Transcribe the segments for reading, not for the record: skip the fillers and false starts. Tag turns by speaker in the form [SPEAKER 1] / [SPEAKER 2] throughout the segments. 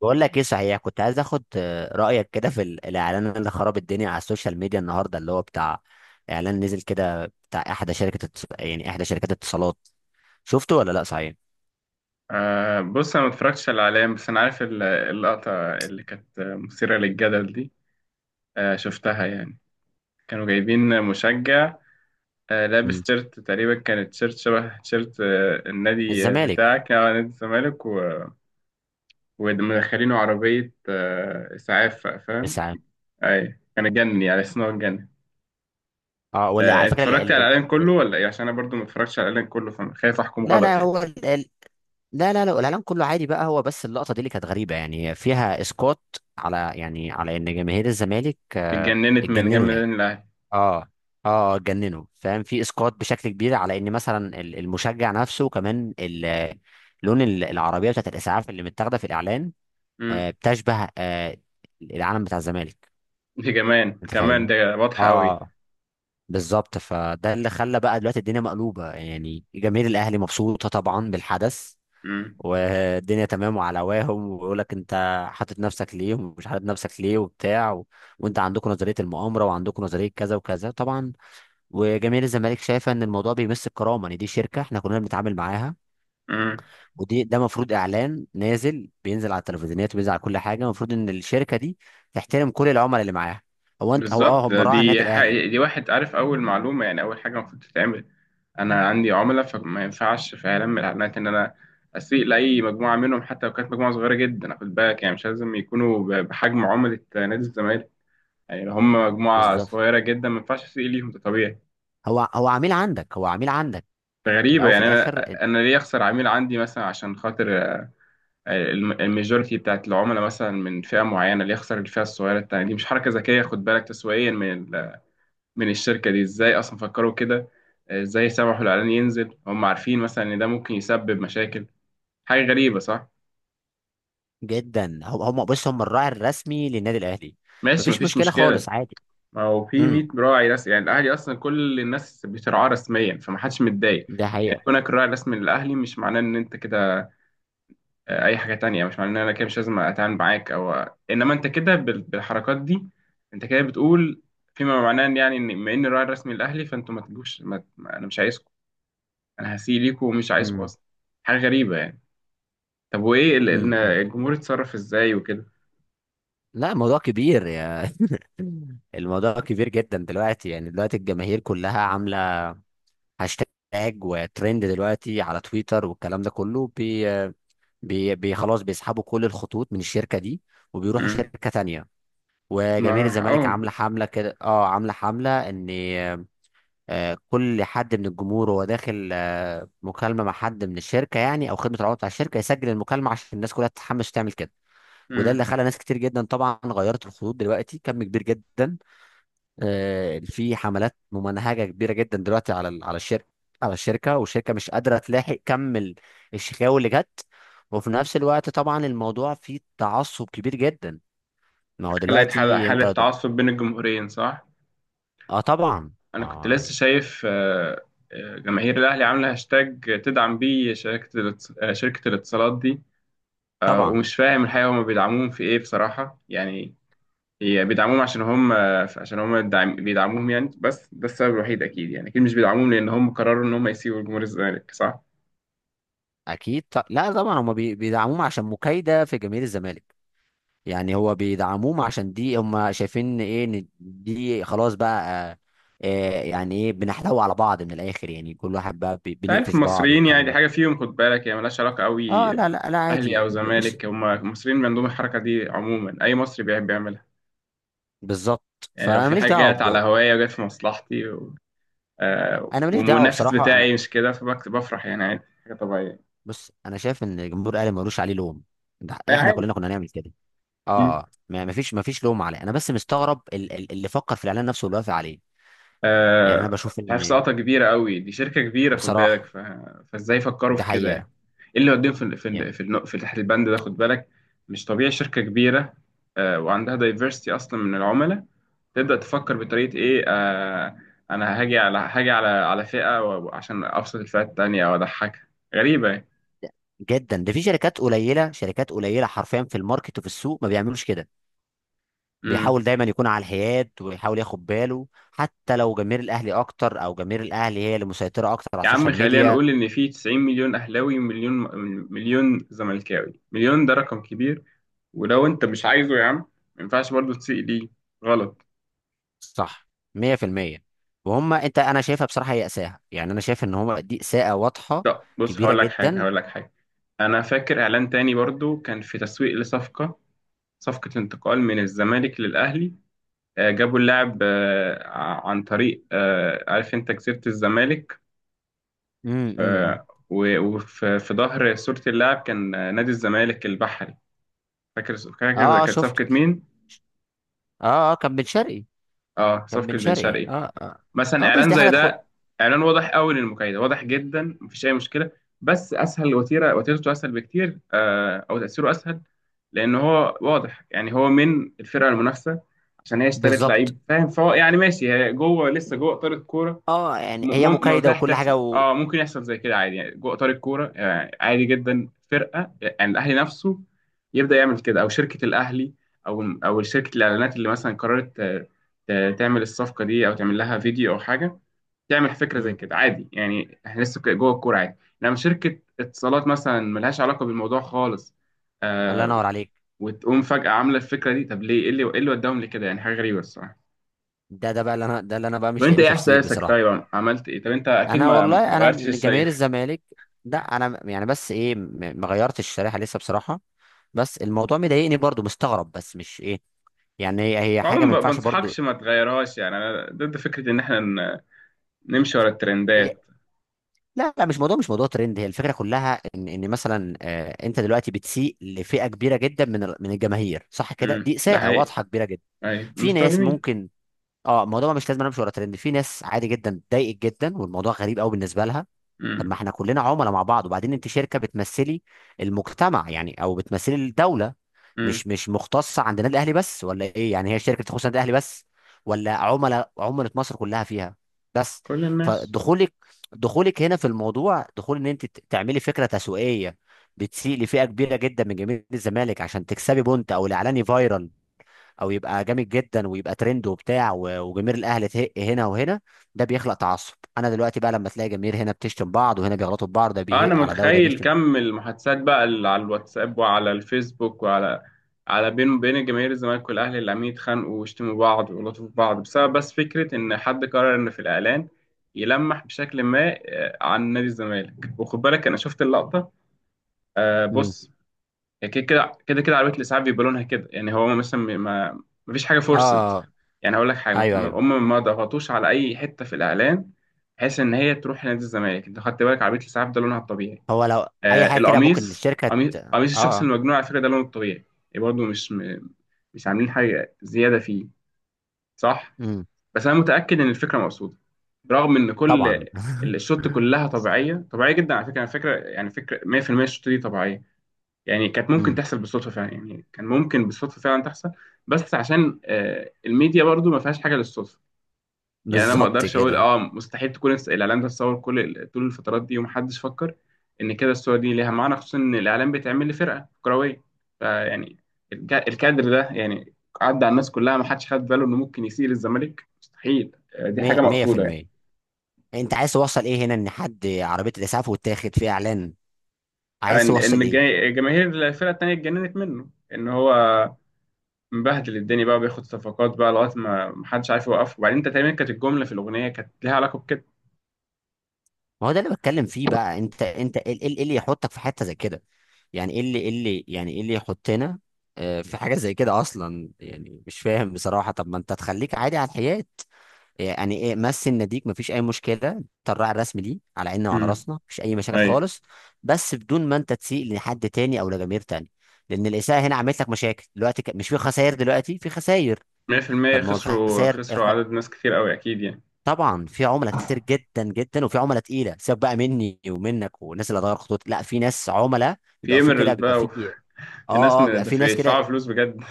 [SPEAKER 1] بقول لك ايه صحيح. كنت عايز اخد رايك كده في الاعلان اللي خرب الدنيا على السوشيال ميديا النهارده اللي هو بتاع اعلان نزل كده بتاع احدى شركه التص- يعني احدى شركات الاتصالات. شفته ولا لا صحيح؟
[SPEAKER 2] بص، انا ما اتفرجتش على الاعلام، بس انا عارف اللقطه اللي كانت مثيره للجدل دي. آه، شفتها يعني. كانوا جايبين مشجع لابس
[SPEAKER 1] مم.
[SPEAKER 2] تيشيرت، تقريبا كانت تيشيرت شبه تيشيرت النادي
[SPEAKER 1] الزمالك.
[SPEAKER 2] بتاعك، نادي الزمالك ومدخلينه عربيه اسعاف، فاهم.
[SPEAKER 1] الساعه.
[SPEAKER 2] اي كان اتجنن، يعني اسمه اتجنن.
[SPEAKER 1] اه ولا على
[SPEAKER 2] انت
[SPEAKER 1] فكره
[SPEAKER 2] اتفرجت على الاعلام كله ولا ايه؟ عشان انا برضو ما اتفرجتش على الاعلام كله، فخايف احكم
[SPEAKER 1] لا
[SPEAKER 2] غلط
[SPEAKER 1] لا
[SPEAKER 2] يعني.
[SPEAKER 1] هو لا الاعلان كله عادي بقى، هو بس اللقطه دي اللي كانت غريبه، يعني فيها اسقاط على، يعني على ان جماهير الزمالك
[SPEAKER 2] اتجننت من
[SPEAKER 1] اتجننوا
[SPEAKER 2] جنب
[SPEAKER 1] يعني.
[SPEAKER 2] النادي الاهلي.
[SPEAKER 1] اه اه جننوا فاهم، في اسقاط بشكل كبير على ان مثلا المشجع نفسه، كمان لون العربيه بتاعت الاسعاف اللي متاخده في الاعلان
[SPEAKER 2] امم.
[SPEAKER 1] بتشبه العلم بتاع الزمالك،
[SPEAKER 2] دي كمان
[SPEAKER 1] انت
[SPEAKER 2] كمان
[SPEAKER 1] فاهم.
[SPEAKER 2] ده
[SPEAKER 1] اه
[SPEAKER 2] واضحه
[SPEAKER 1] آه، بالظبط، فده اللي خلى بقى دلوقتي الدنيا مقلوبه، يعني جماهير الاهلي مبسوطه طبعا بالحدث
[SPEAKER 2] قوي.
[SPEAKER 1] والدنيا تمام وعلى هواهم، ويقول لك انت حاطط نفسك ليه ومش حاطط نفسك ليه وبتاع وانت عندكم نظريه المؤامره وعندكم نظريه كذا وكذا طبعا، وجماهير الزمالك شايفه ان الموضوع بيمس الكرامه، ان دي شركه احنا كلنا بنتعامل معاها،
[SPEAKER 2] امم.
[SPEAKER 1] ودي ده المفروض اعلان نازل بينزل على التلفزيونات وبينزل على كل حاجه، المفروض ان الشركه دي تحترم كل العملاء اللي معاها. هو اه
[SPEAKER 2] بالظبط.
[SPEAKER 1] هم راعي
[SPEAKER 2] دي
[SPEAKER 1] النادي الاهلي،
[SPEAKER 2] حقيقة. دي واحد عارف، اول معلومه يعني، اول حاجه المفروض تتعمل، انا عندي عملاء، فما ينفعش في اعلان من الاعلانات ان انا اسيء لاي مجموعه منهم، حتى لو كانت مجموعه صغيره جدا، خد بالك، يعني مش لازم يكونوا بحجم عملاء نادي الزمالك. يعني لو هم مجموعه
[SPEAKER 1] بالظبط.
[SPEAKER 2] صغيره جدا ما ينفعش اسيء ليهم، ده طبيعي.
[SPEAKER 1] هو عميل عندك، هو عميل عندك في
[SPEAKER 2] غريبة
[SPEAKER 1] الاول وفي
[SPEAKER 2] يعني.
[SPEAKER 1] الاخر.
[SPEAKER 2] أنا ليه أخسر عميل عندي، مثلا عشان خاطر الميجورتي بتاعت العملاء مثلا من فئة معينة؟ ليه أخسر الفئة الصغيرة التانية دي؟ مش حركة ذكية، خد بالك، تسويقيا، من الشركة دي. ازاي اصلا فكروا كده؟ ازاي سمحوا الاعلان ينزل؟ هم عارفين مثلا ان ده ممكن يسبب مشاكل. حاجة غريبة صح.
[SPEAKER 1] جدا. هم بص، هم الراعي الرسمي للنادي الاهلي،
[SPEAKER 2] ماشي،
[SPEAKER 1] مفيش
[SPEAKER 2] مفيش
[SPEAKER 1] مشكله خالص،
[SPEAKER 2] مشكلة.
[SPEAKER 1] عادي.
[SPEAKER 2] ما هو في
[SPEAKER 1] امم،
[SPEAKER 2] 100 راعي رسمي يعني، الاهلي اصلا كل الناس بترعاه رسميا فمحدش متضايق.
[SPEAKER 1] ده
[SPEAKER 2] يعني
[SPEAKER 1] حقيقه.
[SPEAKER 2] كونك الراعي الرسمي للاهلي مش معناه ان انت كده اي حاجة تانية، مش معناه ان انا كده مش لازم اتعامل معاك، او انما انت كده بالحركات دي انت كده بتقول فيما معناه ان يعني، ان بما ان الراعي الرسمي الاهلي فانتوا ما تجوش انا مش عايزكم، انا هسيء ليكم ومش عايزكم
[SPEAKER 1] امم،
[SPEAKER 2] اصلا. حاجة غريبة يعني. طب وايه
[SPEAKER 1] امم، أمم.
[SPEAKER 2] الجمهور اتصرف ازاي وكده؟
[SPEAKER 1] لا موضوع كبير يا، الموضوع كبير جدا دلوقتي، يعني دلوقتي الجماهير كلها عامله هاشتاج وترند دلوقتي على تويتر والكلام ده كله بي خلاص بيسحبوا كل الخطوط من الشركه دي وبيروحوا
[SPEAKER 2] امم.
[SPEAKER 1] شركه تانية، وجماهير
[SPEAKER 2] ما
[SPEAKER 1] الزمالك
[SPEAKER 2] حقهم.
[SPEAKER 1] عامله حمله كده، اه عامله حمله ان كل حد من الجمهور وهو داخل مكالمه مع حد من الشركه يعني او خدمه العملاء بتاع الشركه يسجل المكالمه عشان الناس كلها تتحمس تعمل كده، وده اللي
[SPEAKER 2] امم.
[SPEAKER 1] خلى ناس كتير جدا طبعا غيرت الخطوط دلوقتي، كم كبير جدا. في حملات ممنهجه كبيره جدا دلوقتي على الشركه، على الشركه، والشركه مش قادره تلاحق كم الشكاوي اللي جت، وفي نفس الوقت طبعا الموضوع فيه تعصب كبير جدا. ما هو
[SPEAKER 2] خلقت
[SPEAKER 1] دلوقتي
[SPEAKER 2] حالة
[SPEAKER 1] انت
[SPEAKER 2] تعصب بين الجمهورين صح.
[SPEAKER 1] اه طبعا.
[SPEAKER 2] انا كنت
[SPEAKER 1] اه
[SPEAKER 2] لسه
[SPEAKER 1] يعني.
[SPEAKER 2] شايف، جماهير الاهلي عامله هاشتاج تدعم بيه شركة الاتصالات دي،
[SPEAKER 1] طبعا.
[SPEAKER 2] ومش فاهم الحقيقة هم بيدعموهم في ايه بصراحة يعني. هي بيدعموهم عشان هم، بيدعموهم يعني، بس ده السبب الوحيد اكيد يعني، اكيد مش بيدعموهم لان هم قرروا ان هم يسيبوا جمهور الزمالك صح.
[SPEAKER 1] لا طبعا هم بيدعموهم عشان مكايده في جماهير الزمالك، يعني هو بيدعموهم عشان دي هم شايفين ايه، ان دي خلاص بقى آه يعني ايه، بنحتوي على بعض من الاخر، يعني كل واحد بقى
[SPEAKER 2] انت عارف
[SPEAKER 1] بنقفش بعض
[SPEAKER 2] المصريين يعني،
[SPEAKER 1] والكلام
[SPEAKER 2] دي
[SPEAKER 1] ده.
[SPEAKER 2] حاجة فيهم خد بالك، هي ملهاش علاقة قوي
[SPEAKER 1] اه لا
[SPEAKER 2] اهلي
[SPEAKER 1] عادي.
[SPEAKER 2] او
[SPEAKER 1] بص،
[SPEAKER 2] زمالك، هم المصريين عندهم الحركه دي عموما، اي مصري بيحب يعملها.
[SPEAKER 1] بالظبط،
[SPEAKER 2] يعني لو
[SPEAKER 1] فانا
[SPEAKER 2] في
[SPEAKER 1] ماليش
[SPEAKER 2] حاجه
[SPEAKER 1] دعوه
[SPEAKER 2] جت على
[SPEAKER 1] بج...
[SPEAKER 2] هوايه وجت في مصلحتي و... آه،
[SPEAKER 1] انا ماليش دعوه
[SPEAKER 2] والمنافس
[SPEAKER 1] بصراحه. انا
[SPEAKER 2] بتاعي مش كده فبفرح، يعني عادي حاجه طبيعيه.
[SPEAKER 1] بص، انا شايف ان جمهور الاهلي ملوش عليه لوم، ده
[SPEAKER 2] أي
[SPEAKER 1] احنا
[SPEAKER 2] عادي.
[SPEAKER 1] كلنا كنا هنعمل كده.
[SPEAKER 2] م.
[SPEAKER 1] اه ما فيش لوم عليه، انا بس مستغرب اللي فكر في الاعلان نفسه واللي وافق عليه. يعني انا
[SPEAKER 2] آه،
[SPEAKER 1] بشوف
[SPEAKER 2] مش عارف،
[SPEAKER 1] ان
[SPEAKER 2] سلطة كبيرة قوي دي، شركة كبيرة خد
[SPEAKER 1] بصراحه
[SPEAKER 2] بالك فازاي فكروا
[SPEAKER 1] ده
[SPEAKER 2] في كده
[SPEAKER 1] حقيقه،
[SPEAKER 2] يعني؟ ايه اللي وديهم في ال- في ال-
[SPEAKER 1] يعني
[SPEAKER 2] في, الن- في تحت البند ده خد بالك. مش طبيعي شركة كبيرة وعندها دايفرستي اصلا من العملاء، تبدأ تفكر بطريقة ايه، انا هاجي على فئة عشان ابسط الفئة التانية او اضحكها. غريبة
[SPEAKER 1] جدا. ده في شركات قليله، شركات قليله حرفيا في الماركت وفي السوق ما بيعملوش كده،
[SPEAKER 2] يعني.
[SPEAKER 1] بيحاول دايما يكون على الحياد ويحاول ياخد باله، حتى لو جماهير الاهلي اكتر او جماهير الاهلي هي اللي مسيطره اكتر على
[SPEAKER 2] يا عم
[SPEAKER 1] السوشيال
[SPEAKER 2] خلينا
[SPEAKER 1] ميديا.
[SPEAKER 2] نقول إن في 90 مليون أهلاوي ومليون زملكاوي، مليون ده رقم كبير. ولو أنت مش عايزه يا عم، ما ينفعش برضه تسيء ليه، غلط.
[SPEAKER 1] صح، 100%. وهم انت انا شايفها بصراحه هي اساءه، يعني انا شايف ان هم دي اساءه واضحه
[SPEAKER 2] لا بص،
[SPEAKER 1] كبيره
[SPEAKER 2] هقول لك حاجة،
[SPEAKER 1] جدا.
[SPEAKER 2] هقول لك حاجة. أنا فاكر إعلان تاني برضه كان في تسويق لصفقة، صفقة انتقال من الزمالك للأهلي. جابوا اللاعب عن طريق، عارف أنت، جزيرة الزمالك،
[SPEAKER 1] امم، امم.
[SPEAKER 2] وفي، ظهر صورة اللاعب كان نادي الزمالك البحري. فاكر، فاكر
[SPEAKER 1] اه
[SPEAKER 2] كانت
[SPEAKER 1] شفت،
[SPEAKER 2] صفقة مين؟
[SPEAKER 1] اه اه كان بن شرقي،
[SPEAKER 2] اه،
[SPEAKER 1] كان بن
[SPEAKER 2] صفقة بن
[SPEAKER 1] شرقي،
[SPEAKER 2] شرقي.
[SPEAKER 1] اه اه.
[SPEAKER 2] مثلا
[SPEAKER 1] اه بس
[SPEAKER 2] اعلان
[SPEAKER 1] دي
[SPEAKER 2] زي
[SPEAKER 1] حاجه تخد.
[SPEAKER 2] ده، اعلان واضح قوي للمكايدة، واضح جدا مفيش اي مشكلة، بس اسهل وتيرة، وتيرته اسهل بكتير، او تأثيره اسهل، لان هو واضح يعني، هو من الفرقة المنافسة عشان هي اشترت
[SPEAKER 1] بالظبط،
[SPEAKER 2] لعيب، فاهم، فهو يعني ماشي، هي جوه لسه جوه اطار الكورة.
[SPEAKER 1] اه يعني هي
[SPEAKER 2] ما هو
[SPEAKER 1] مكايده وكل
[SPEAKER 2] تحسم،
[SPEAKER 1] حاجه
[SPEAKER 2] اه ممكن يحصل زي كده عادي، يعني جوه اطار الكوره يعني عادي جدا، فرقه يعني الاهلي نفسه يبدا يعمل كده او شركه الاهلي، او شركه الاعلانات اللي مثلا قررت تعمل الصفقه دي، او تعمل لها فيديو او حاجه، تعمل فكره زي
[SPEAKER 1] مم.
[SPEAKER 2] كده عادي، يعني احنا لسه جوه الكوره عادي. لما شركه اتصالات مثلا ملهاش علاقه بالموضوع خالص،
[SPEAKER 1] الله
[SPEAKER 2] آه
[SPEAKER 1] ينور عليك.
[SPEAKER 2] وتقوم فجاه عامله الفكره دي، طب ليه؟ ايه اللي، وداهم لكده يعني؟ حاجه غريبه الصراحه.
[SPEAKER 1] ده ده بقى اللي انا ده اللي انا بقى
[SPEAKER 2] طب
[SPEAKER 1] مش
[SPEAKER 2] انت
[SPEAKER 1] لاقي له
[SPEAKER 2] ايه
[SPEAKER 1] تفسير
[SPEAKER 2] احساسك
[SPEAKER 1] بصراحه.
[SPEAKER 2] طيب؟ عملت ايه؟ طب انت اكيد
[SPEAKER 1] انا
[SPEAKER 2] ما
[SPEAKER 1] والله انا
[SPEAKER 2] غيرتش
[SPEAKER 1] من جماهير
[SPEAKER 2] الشريحه.
[SPEAKER 1] الزمالك، لا انا يعني بس ايه، ما غيرتش الشريحه لسه بصراحه، بس الموضوع مضايقني برضو، مستغرب بس مش ايه، يعني هي حاجه ما
[SPEAKER 2] عموما ما
[SPEAKER 1] ينفعش برضو.
[SPEAKER 2] بنصحكش ما تغيرهاش يعني، انا ضد فكره ان احنا نمشي ورا
[SPEAKER 1] هي
[SPEAKER 2] الترندات.
[SPEAKER 1] لا مش موضوع، مش موضوع ترند، هي الفكره كلها ان ان مثلا انت دلوقتي بتسيء لفئه كبيره جدا من من الجماهير، صح كده،
[SPEAKER 2] امم،
[SPEAKER 1] دي
[SPEAKER 2] ده
[SPEAKER 1] اساءه
[SPEAKER 2] حقيقي.
[SPEAKER 1] واضحه كبيره جدا.
[SPEAKER 2] ايوه
[SPEAKER 1] في ناس
[SPEAKER 2] المستخدمين.
[SPEAKER 1] ممكن. اه الموضوع مش لازم أنا امشي ورا ترند، في ناس عادي جدا اتضايقت جدا والموضوع غريب قوي بالنسبه لها. طب
[SPEAKER 2] امم،
[SPEAKER 1] ما احنا كلنا عملاء مع بعض، وبعدين انت شركه بتمثلي المجتمع يعني، او بتمثلي الدوله،
[SPEAKER 2] امم.
[SPEAKER 1] مش مختصه عند النادي الاهلي بس ولا ايه، يعني هي شركه تخص النادي الاهلي بس، ولا عملاء، عملاء مصر كلها فيها بس؟
[SPEAKER 2] كل الناس.
[SPEAKER 1] فدخولك هنا في الموضوع دخول، ان انت تعملي فكره تسويقيه بتسيء لفئه كبيره جدا من جماهير الزمالك عشان تكسبي بونت او الاعلاني فايرال، او يبقى جامد جدا ويبقى ترند وبتاع وجماهير الاهلي تهق هنا وهنا، ده بيخلق تعصب. انا دلوقتي بقى لما تلاقي جماهير هنا بتشتم بعض وهنا بيغلطوا في بعض، ده
[SPEAKER 2] انا
[SPEAKER 1] بيهق على ده وده
[SPEAKER 2] متخيل
[SPEAKER 1] بيشتم.
[SPEAKER 2] كم المحادثات بقى اللي على الواتساب وعلى الفيسبوك وعلى بين جماهير الزمالك والاهلي اللي عمالين يتخانقوا ويشتموا بعض ويغلطوا في بعض، بسبب بس فكره ان حد قرر ان في الاعلان يلمح بشكل ما عن نادي الزمالك، وخد بالك انا شفت اللقطه،
[SPEAKER 1] امم.
[SPEAKER 2] بص. يعني كده كده كده كده عربية الإسعاف بيبقى لونها كده يعني، هو مثلا ما، مفيش حاجة فورسد.
[SPEAKER 1] اه.
[SPEAKER 2] يعني هقول لك حاجة،
[SPEAKER 1] ايوه، ايوه.
[SPEAKER 2] هم ما ضغطوش على أي حتة في الإعلان، بحيث إن هي تروح لنادي الزمالك. أنت خدت بالك عربية الإسعاف ده لونها الطبيعي؟
[SPEAKER 1] هو لو اي حاجه كده ممكن
[SPEAKER 2] القميص،
[SPEAKER 1] الشركه
[SPEAKER 2] قميص قميص الشخص
[SPEAKER 1] اه.
[SPEAKER 2] المجنون على فكرة ده لونه الطبيعي، يعني برضه مش، مش عاملين حاجة زيادة فيه، صح.
[SPEAKER 1] امم.
[SPEAKER 2] بس أنا متأكد إن الفكرة مقصودة، رغم إن كل
[SPEAKER 1] طبعا
[SPEAKER 2] الشوت كلها طبيعية، طبيعية جدا على فكرة، على فكرة يعني، فكرة 100% الشوت دي طبيعية، يعني كانت ممكن
[SPEAKER 1] امم.
[SPEAKER 2] تحصل بالصدفه فعلا، يعني كان ممكن بالصدفه فعلا تحصل، بس عشان الميديا برضو ما فيهاش حاجه للصدفه. يعني انا ما
[SPEAKER 1] بالظبط
[SPEAKER 2] اقدرش اقول
[SPEAKER 1] كده،
[SPEAKER 2] اه، مستحيل تكون الاعلام ده اتصور كل طول الفترات دي ومحدش فكر ان كده الصور دي ليها معنى، خصوصا ان الاعلام بيتعمل لفرقه كرويه، فيعني الكادر ده يعني عدى على الناس كلها، ما حدش خد باله انه ممكن يسيء للزمالك، مستحيل، دي حاجه مقصوده يعني.
[SPEAKER 1] 100%. انت عايز توصل ايه هنا، ان حد عربيه الاسعاف وتاخد فيها اعلان، عايز
[SPEAKER 2] ان،
[SPEAKER 1] توصل ايه؟
[SPEAKER 2] جماهير الفرقه التانيه اتجننت منه، ان هو مبهدل الدنيا بقى وبياخد صفقات بقى لغايه ما محدش عارف يوقفه، وبعدين انت تقريبا كانت الجمله في الاغنيه كانت ليها علاقه بكده.
[SPEAKER 1] ما هو ده اللي بتكلم فيه بقى، انت انت ايه، إيه اللي يحطك في حته زي كده، يعني ايه اللي، ايه اللي، يعني ايه اللي يحطنا في حاجه زي كده اصلا، يعني مش فاهم بصراحه. طب ما انت تخليك عادي على الحياه، يعني ايه مثل نديك، مفيش اي مشكله، انت الراعي الرسمي ليه على عيننا وعلى
[SPEAKER 2] امم،
[SPEAKER 1] راسنا، مفيش اي مشاكل
[SPEAKER 2] ايوه،
[SPEAKER 1] خالص، بس بدون ما انت تسيء لحد تاني او لجماهير تاني، لان الاساءه هنا عملت لك مشاكل دلوقتي، مش في خسائر دلوقتي، في خسائر.
[SPEAKER 2] 100%
[SPEAKER 1] طب ما هو
[SPEAKER 2] خسروا،
[SPEAKER 1] الخسائر
[SPEAKER 2] خسروا
[SPEAKER 1] الخ...
[SPEAKER 2] عدد ناس كتير قوي اكيد يعني.
[SPEAKER 1] طبعا في عملاء كتير جدا جدا، وفي عملاء تقيله، سيبك بقى مني ومنك والناس اللي هتغير خطوط، لا في ناس عملاء
[SPEAKER 2] في
[SPEAKER 1] بيبقى في كده،
[SPEAKER 2] ايميرالد
[SPEAKER 1] بيبقى
[SPEAKER 2] بقى
[SPEAKER 1] في
[SPEAKER 2] وفي ناس،
[SPEAKER 1] اه. اه بيبقى
[SPEAKER 2] ده
[SPEAKER 1] في
[SPEAKER 2] في
[SPEAKER 1] ناس
[SPEAKER 2] يدفعوا
[SPEAKER 1] كده،
[SPEAKER 2] فلوس بجد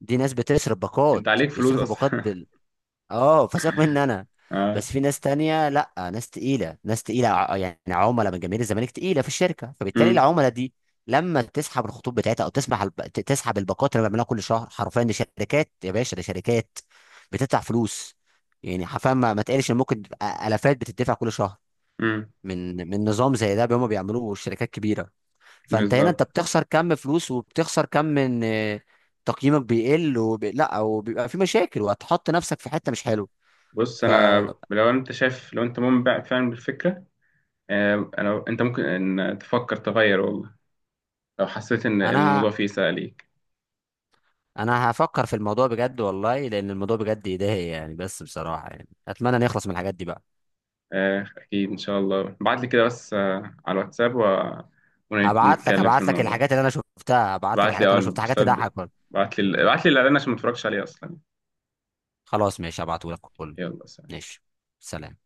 [SPEAKER 1] دي ناس بتصرف باقات،
[SPEAKER 2] انت عليك فلوس
[SPEAKER 1] بيصرفوا باقات
[SPEAKER 2] اصلا
[SPEAKER 1] بال، اه فسيبك مني انا،
[SPEAKER 2] اه.
[SPEAKER 1] بس في ناس تانية، لا ناس تقيلة، ناس تقيلة يعني عملاء من جماهير الزمالك تقيلة في الشركة، فبالتالي
[SPEAKER 2] امم،
[SPEAKER 1] العملاء دي لما تسحب الخطوط بتاعتها او تسحب الباقات اللي بيعملوها كل شهر، حرفيا دي شركات يا باشا، دي شركات بتدفع فلوس، يعني حرفيا ما تقلش ان ممكن تبقى الافات بتدفع كل شهر
[SPEAKER 2] امم،
[SPEAKER 1] من نظام زي ده هما بيعملوه الشركات كبيرة، فانت هنا
[SPEAKER 2] بالظبط.
[SPEAKER 1] انت بتخسر كم فلوس، وبتخسر كم من تقييمك بيقل لا وبيبقى في مشاكل، وهتحط نفسك في حتة مش حلوه.
[SPEAKER 2] بص، انا
[SPEAKER 1] فانا
[SPEAKER 2] لو انت شايف، لو انت مؤمن بقى فعلا بالفكره، انت ممكن ان تفكر تغير والله، لو حسيت ان
[SPEAKER 1] ه...
[SPEAKER 2] الموضوع فيه سهل.
[SPEAKER 1] انا هفكر في الموضوع بجد والله، لان الموضوع بجد يضايق يعني، بس بصراحة يعني اتمنى نخلص من الحاجات دي بقى.
[SPEAKER 2] أكيد إن شاء الله، ابعت لي كده بس على الواتساب
[SPEAKER 1] هبعت لك
[SPEAKER 2] ونتكلم في
[SPEAKER 1] هبعت لك
[SPEAKER 2] الموضوع.
[SPEAKER 1] الحاجات اللي انا شفتها، هبعت لك
[SPEAKER 2] ابعت لي
[SPEAKER 1] الحاجات
[SPEAKER 2] أه
[SPEAKER 1] اللي انا شفتها حاجات
[SPEAKER 2] البوستات،
[SPEAKER 1] تضحك والله.
[SPEAKER 2] ابعت لي الإعلان عشان ما اتفرجش عليه أصلا.
[SPEAKER 1] خلاص ماشي هبعته لك كله.
[SPEAKER 2] يلا سلام.
[SPEAKER 1] ماشي، سلام.